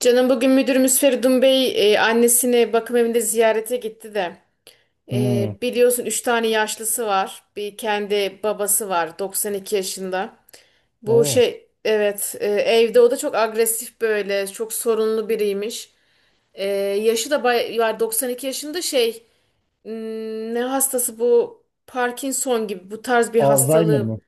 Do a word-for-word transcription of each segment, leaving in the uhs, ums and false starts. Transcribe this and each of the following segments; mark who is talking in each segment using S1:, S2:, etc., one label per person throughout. S1: Canım bugün müdürümüz Feridun Bey e, annesini bakım evinde ziyarete gitti de. E,
S2: Hmm.
S1: biliyorsun üç tane yaşlısı var. Bir kendi babası var doksan iki yaşında. Bu
S2: Oo.
S1: şey evet e, evde o da çok agresif böyle çok sorunlu biriymiş. E, yaşı da bay var doksan iki yaşında şey hmm, ne hastası bu? Parkinson gibi bu tarz bir
S2: Alzheimer
S1: hastalığı.
S2: mı?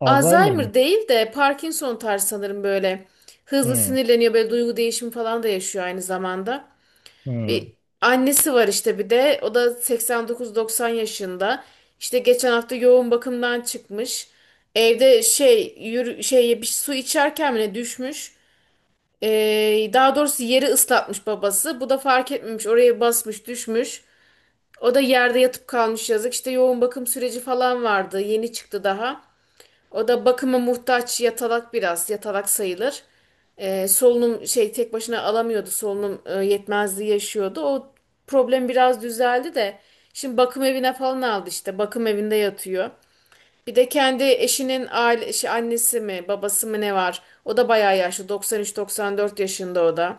S2: Alzheimer mı?
S1: Alzheimer değil de Parkinson tarzı sanırım böyle. Hızlı
S2: Hmm.
S1: sinirleniyor, böyle duygu değişimi falan da yaşıyor aynı zamanda.
S2: Hmm.
S1: Bir annesi var işte, bir de o da seksen dokuz doksan yaşında. İşte geçen hafta yoğun bakımdan çıkmış. Evde şey yürü, şey bir su içerken bile düşmüş. Ee, daha doğrusu yeri ıslatmış babası. Bu da fark etmemiş, oraya basmış düşmüş. O da yerde yatıp kalmış, yazık. İşte yoğun bakım süreci falan vardı. Yeni çıktı daha. O da bakıma muhtaç, yatalak, biraz yatalak sayılır. Ee, solunum şey tek başına alamıyordu, solunum e, yetmezliği yaşıyordu. O problem biraz düzeldi de şimdi bakım evine falan aldı, işte bakım evinde yatıyor. Bir de kendi eşinin aile, şey, annesi mi babası mı ne var? O da bayağı yaşlı, doksan üçle doksan dört yaşında o da.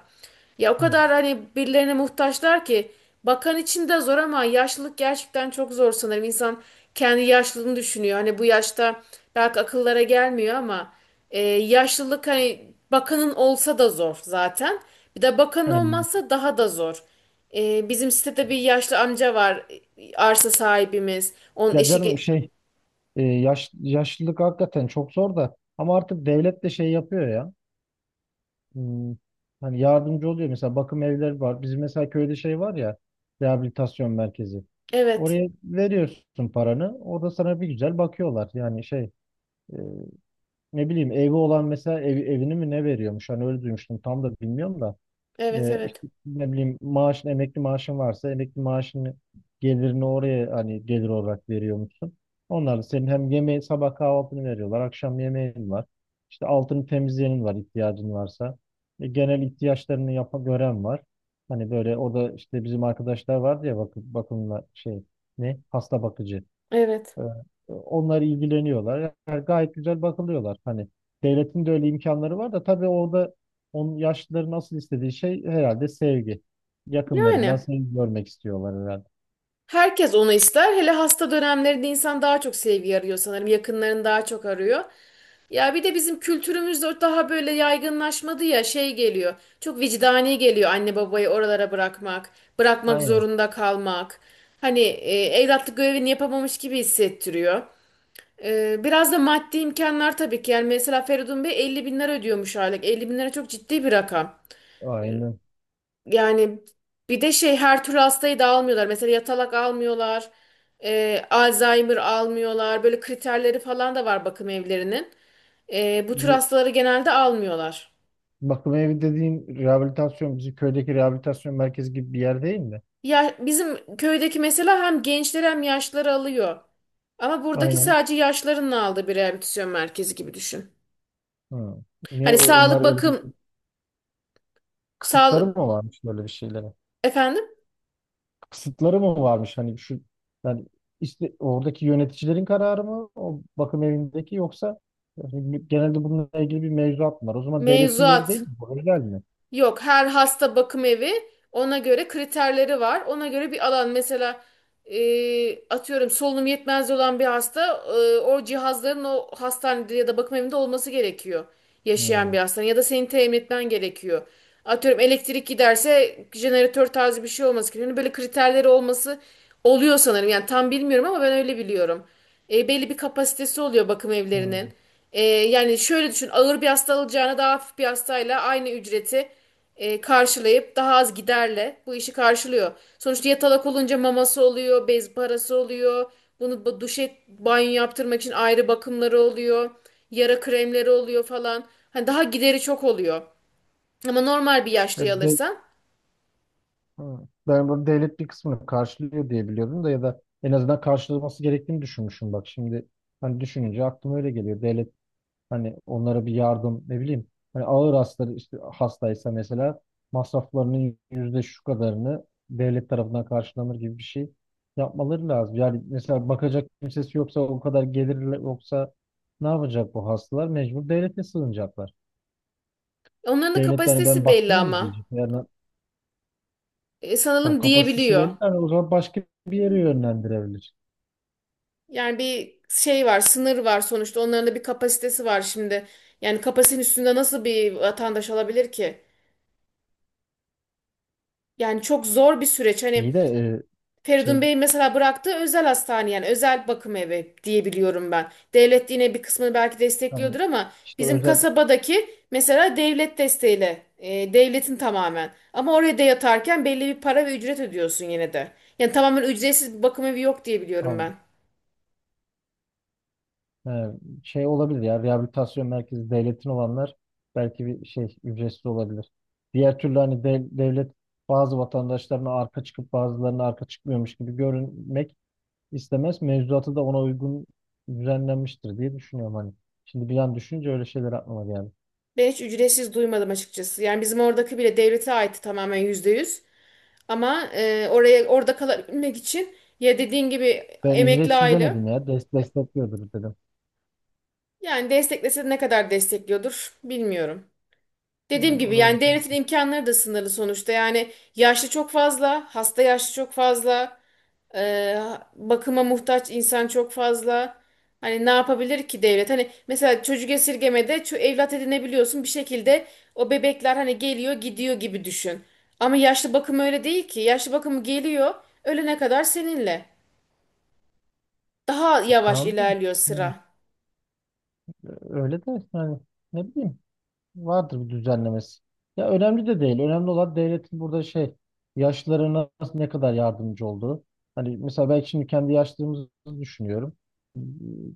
S1: Ya o
S2: Hmm.
S1: kadar hani birilerine muhtaçlar ki, bakan için de zor, ama yaşlılık gerçekten çok zor sanırım. İnsan kendi yaşlılığını düşünüyor. Hani bu yaşta belki akıllara gelmiyor ama e, yaşlılık hani bakanın olsa da zor zaten. Bir de bakan
S2: Yani,
S1: olmazsa daha da zor. E, bizim sitede bir yaşlı amca var e, arsa sahibimiz. Onun
S2: ya
S1: eşi ge-
S2: canım şey e, yaş, yaşlılık hakikaten çok zor da ama artık devlet de şey yapıyor ya. Hmm. Hani yardımcı oluyor mesela bakım evleri var. Bizim mesela köyde şey var ya rehabilitasyon merkezi.
S1: evet.
S2: Oraya veriyorsun paranı. Orada sana bir güzel bakıyorlar. Yani şey e, ne bileyim evi olan mesela ev, evini mi ne veriyormuş? Hani öyle duymuştum. Tam da bilmiyorum da.
S1: Evet
S2: E,
S1: evet.
S2: işte ne bileyim maaşın emekli maaşın varsa emekli maaşını gelirini oraya hani gelir olarak veriyor musun? Onlar da senin hem yemeği sabah kahvaltını veriyorlar. Akşam yemeğin var. İşte altını temizleyenin var ihtiyacın varsa. E, genel ihtiyaçlarını yapa gören var. Hani böyle orada işte bizim arkadaşlar vardı ya bakım, bakımla şey ne hasta bakıcı.
S1: Evet.
S2: Ee, Onlar ilgileniyorlar. Yani gayet güzel bakılıyorlar. Hani devletin de öyle imkanları var da tabii orada onun yaşlıların nasıl istediği şey herhalde sevgi. Yakınlarından
S1: Yani
S2: sevgi görmek istiyorlar herhalde.
S1: herkes onu ister. Hele hasta dönemlerinde insan daha çok sevgi arıyor sanırım. Yakınlarını daha çok arıyor. Ya bir de bizim kültürümüzde o daha böyle yaygınlaşmadı, ya şey geliyor. Çok vicdani geliyor anne babayı oralara bırakmak, bırakmak
S2: Aynen.
S1: zorunda kalmak. Hani e, evlatlık görevini yapamamış gibi hissettiriyor. E, biraz da maddi imkanlar tabii ki. Yani mesela Feridun Bey elli bin lira ödüyormuş aylık. Elli bin lira çok ciddi bir rakam.
S2: Aynen.
S1: Yani bir de şey, her türlü hastayı da almıyorlar. Mesela yatalak almıyorlar, e, Alzheimer almıyorlar. Böyle kriterleri falan da var bakım evlerinin. E, bu tür
S2: Bu
S1: hastaları genelde almıyorlar.
S2: bakım evi dediğin rehabilitasyon, bizim köydeki rehabilitasyon merkezi gibi bir yer değil mi?
S1: Ya bizim köydeki mesela hem gençleri hem yaşlıları alıyor. Ama buradaki
S2: Aynen.
S1: sadece yaşlıların aldığı bir rehabilitasyon merkezi gibi düşün.
S2: Hı. Niye
S1: Hani
S2: o- onlar
S1: sağlık
S2: öyle
S1: bakım,
S2: bir kısıtları mı
S1: sağlık
S2: varmış böyle bir şeylere?
S1: efendim,
S2: Kısıtları mı varmış hani şu yani işte oradaki yöneticilerin kararı mı o bakım evindeki yoksa yani genelde bununla ilgili bir mevzuat mı var? O zaman devletin yeri değil
S1: mevzuat.
S2: mi? Bu özel mi?
S1: Yok, her hasta bakım evi, ona göre kriterleri var. Ona göre bir alan mesela, e, atıyorum solunum yetmezliği olan bir hasta, e, o cihazların o hastanede ya da bakım evinde olması gerekiyor. Yaşayan
S2: Hmm.
S1: bir hastanın ya da senin temin etmen gerekiyor. Atıyorum elektrik giderse jeneratör tarzı bir şey olması gerekiyor. Hani böyle kriterleri olması oluyor sanırım. Yani tam bilmiyorum ama ben öyle biliyorum. E, belli bir kapasitesi oluyor bakım evlerinin.
S2: Hmm.
S1: E, yani şöyle düşün, ağır bir hasta alacağına daha hafif bir hastayla aynı ücreti e, karşılayıp daha az giderle bu işi karşılıyor. Sonuçta yatalak olunca maması oluyor, bez parası oluyor. Bunu bu- duşe banyo yaptırmak için ayrı bakımları oluyor. Yara kremleri oluyor falan. Hani daha gideri çok oluyor. Ama normal bir
S2: E,
S1: yaşlıyı
S2: de-
S1: alırsan.
S2: hmm. Ben bunu devlet bir kısmını karşılıyor diye biliyordum da ya da en azından karşılaması gerektiğini düşünmüşüm bak şimdi hani düşününce aklıma öyle geliyor. Devlet hani onlara bir yardım ne bileyim. Hani ağır hastaları işte hastaysa mesela masraflarının yüzde şu kadarını devlet tarafından karşılanır gibi bir şey yapmaları lazım. Yani mesela bakacak kimsesi yoksa o kadar gelir yoksa ne yapacak bu hastalar? Mecbur devlete sığınacaklar.
S1: Onların da
S2: Devlet de hani ben
S1: kapasitesi belli
S2: bakmıyor mu
S1: ama.
S2: diyecek. Yani
S1: E,
S2: tam
S1: sanalım
S2: kapasitesi
S1: diyebiliyor.
S2: belli. Yani o zaman başka bir yere yönlendirebilir.
S1: Yani bir şey var, sınır var sonuçta. Onların da bir kapasitesi var şimdi. Yani kapasitenin üstünde nasıl bir vatandaş alabilir ki? Yani çok zor bir süreç. Hani
S2: İyi de e, şey
S1: Feridun Bey'in mesela bıraktığı özel hastane, yani özel bakım evi diye biliyorum ben. Devlet yine bir kısmını belki
S2: tam
S1: destekliyordur ama
S2: işte
S1: bizim
S2: özel
S1: kasabadaki mesela devlet desteğiyle, e, devletin tamamen. Ama oraya da yatarken belli bir para ve ücret ödüyorsun yine de. Yani tamamen ücretsiz bir bakım evi yok diye biliyorum
S2: tam.
S1: ben.
S2: He, şey olabilir ya rehabilitasyon merkezi devletin olanlar belki bir şey ücretsiz olabilir. Diğer türlü hani de- devlet bazı vatandaşlarına arka çıkıp bazılarına arka çıkmıyormuş gibi görünmek istemez. Mevzuatı da ona uygun düzenlenmiştir diye düşünüyorum hani. Şimdi bir an düşününce öyle şeyler aklıma geldi.
S1: Ben hiç ücretsiz duymadım açıkçası. Yani bizim oradaki bile devlete aitti, tamamen yüzde yüz. Ama e, oraya orada kalabilmek için, ya dediğin gibi,
S2: Ben Evet.
S1: emekli
S2: Ücretsiz
S1: aile.
S2: demedim ya. Des destekliyordur dedim.
S1: Yani desteklese ne kadar destekliyordur bilmiyorum. Dediğim
S2: Yani,
S1: gibi,
S2: orada, orada.
S1: yani devletin imkanları da sınırlı sonuçta. Yani yaşlı çok fazla, hasta yaşlı çok fazla, e, bakıma muhtaç insan çok fazla. Hani ne yapabilir ki devlet? Hani mesela çocuk esirgemede ço- evlat edinebiliyorsun bir şekilde, o bebekler hani geliyor gidiyor gibi düşün. Ama yaşlı bakım öyle değil ki. Yaşlı bakımı geliyor ölene kadar seninle. Daha yavaş
S2: Tamam.
S1: ilerliyor
S2: Yani,
S1: sıra.
S2: e, öyle de yani ne bileyim. Vardır bir düzenlemesi. Ya önemli de değil. Önemli olan devletin burada şey yaşlılarına nasıl- ne kadar yardımcı olduğu. Hani mesela ben şimdi kendi yaşlılığımızı düşünüyorum.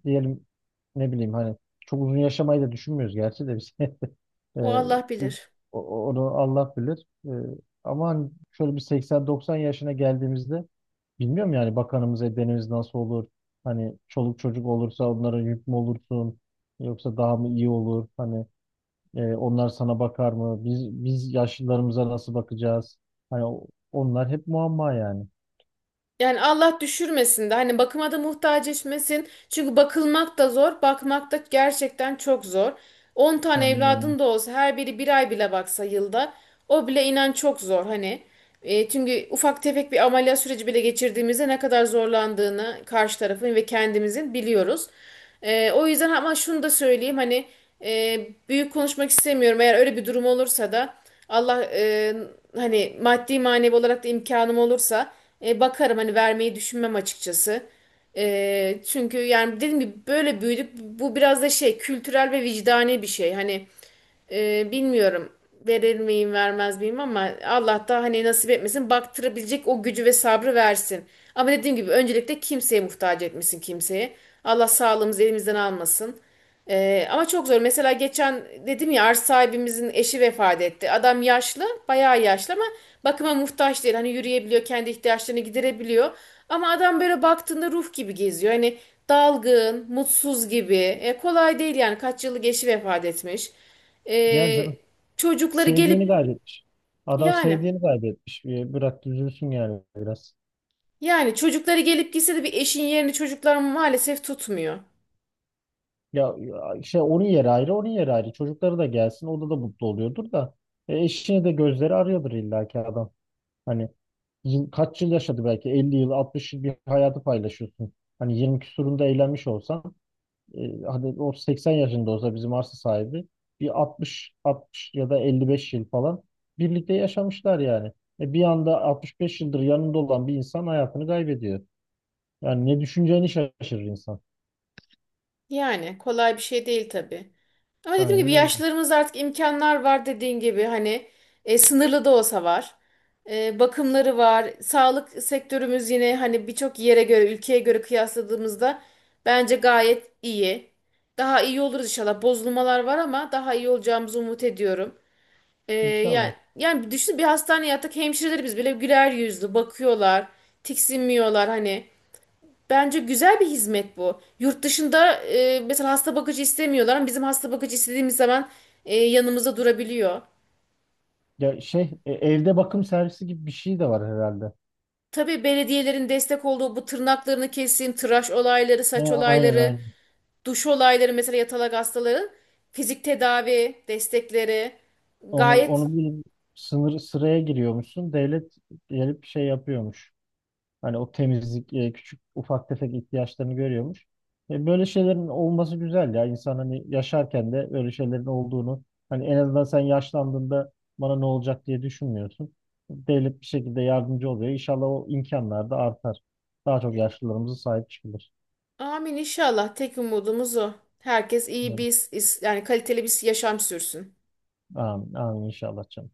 S2: Diyelim ne bileyim hani çok uzun yaşamayı da düşünmüyoruz gerçi de biz. Ee,
S1: O Allah bilir.
S2: o- Onu Allah bilir. Ee, ama hani şöyle bir seksen doksan yaşına geldiğimizde bilmiyorum yani bakanımız edenimiz nasıl olur? Hani çoluk çocuk olursa onlara yük mü olursun? Yoksa daha mı iyi olur? Hani ee, onlar sana bakar mı? Biz biz yaşlılarımıza nasıl bakacağız? Hani o- onlar hep muamma yani.
S1: Yani Allah düşürmesin de hani bakıma da muhtaç etmesin. Çünkü bakılmak da zor, bakmak da gerçekten çok zor. On tane
S2: Yani
S1: evladın da olsa, her biri bir ay bile baksa yılda, o bile inan çok zor hani. E, çünkü ufak tefek bir ameliyat süreci bile geçirdiğimizde ne kadar zorlandığını karşı tarafın ve kendimizin biliyoruz. Ee, o yüzden, ama şunu da söyleyeyim hani, e, büyük konuşmak istemiyorum. Eğer öyle bir durum olursa da Allah, e, hani maddi manevi olarak da imkanım olursa, e, bakarım, hani vermeyi düşünmem açıkçası. E, çünkü yani dediğim gibi böyle büyüdük, bu biraz da şey, kültürel ve vicdani bir şey. Hani ee, bilmiyorum verir miyim vermez miyim, ama Allah da hani nasip etmesin, baktırabilecek o gücü ve sabrı versin. Ama dediğim gibi öncelikle kimseye muhtaç etmesin, kimseye. Allah sağlığımızı elimizden almasın. Ee, ama çok zor. Mesela geçen dedim ya, arsa sahibimizin eşi vefat etti. Adam yaşlı, bayağı yaşlı ama bakıma muhtaç değil. Hani yürüyebiliyor, kendi ihtiyaçlarını giderebiliyor. Ama adam böyle baktığında ruh gibi geziyor. Hani dalgın, mutsuz gibi. E, kolay değil yani, kaç yıllık eşi vefat etmiş.
S2: yani
S1: Ee,
S2: canım
S1: çocukları gelip
S2: sevdiğini kaybetmiş. Adam
S1: yani
S2: sevdiğini kaybetmiş. Ee, Bırak üzülsün yani biraz.
S1: yani çocukları gelip gitse de bir eşin yerini çocuklar maalesef tutmuyor.
S2: Ya ya şey onun yeri ayrı, onun yeri ayrı. Çocukları da gelsin, o da da mutlu oluyordur da. E, eşini de gözleri arıyordur illaki adam. Hani yıl, kaç yıl yaşadı belki elli yıl altmış yıl bir hayatı paylaşıyorsun. Hani yirmi küsurunda eğlenmiş olsan e, hadi o seksen yaşında olsa bizim arsa sahibi bir altmış altmış ya da elli beş yıl falan birlikte yaşamışlar yani. E bir anda altmış beş yıldır yanında olan bir insan hayatını kaybediyor. Yani ne düşüneceğini şaşırır insan.
S1: Yani kolay bir şey değil tabii. Ama dediğim gibi
S2: Aynen öyle.
S1: yaşlılarımızda artık imkanlar var, dediğin gibi hani, e, sınırlı da olsa var. E, bakımları var. Sağlık sektörümüz yine, hani birçok yere göre, ülkeye göre kıyasladığımızda bence gayet iyi. Daha iyi oluruz inşallah. Bozulmalar var ama daha iyi olacağımızı umut ediyorum. Ee, yani,
S2: İnşallah.
S1: yani düşün, bir hastaneye yattık, hemşireleri biz bile güler yüzlü bakıyorlar, tiksinmiyorlar hani. Bence güzel bir hizmet bu. Yurt dışında e, mesela hasta bakıcı istemiyorlar ama bizim hasta bakıcı istediğimiz zaman e, yanımızda durabiliyor.
S2: Ya şey e, evde bakım servisi gibi bir şey de var herhalde.
S1: Tabii belediyelerin destek olduğu, bu tırnaklarını kesin, tıraş olayları,
S2: Ha,
S1: saç
S2: aynen
S1: olayları,
S2: aynen.
S1: duş olayları mesela yatalak hastaların, fizik tedavi destekleri
S2: Onu
S1: gayet.
S2: onu bir sınır sıraya giriyormuşsun. Devlet gelip şey yapıyormuş. Hani o temizlik, e, küçük ufak tefek ihtiyaçlarını görüyormuş. E, böyle şeylerin olması güzel ya. İnsan hani yaşarken de böyle şeylerin olduğunu hani en azından sen yaşlandığında bana ne olacak diye düşünmüyorsun. Devlet bir şekilde yardımcı oluyor. İnşallah o imkanlar da artar. Daha çok yaşlılarımıza sahip çıkılır.
S1: Amin inşallah. Tek umudumuz o. Herkes iyi
S2: Evet.
S1: bir, yani kaliteli bir yaşam sürsün.
S2: Amin, amin inşallah canım.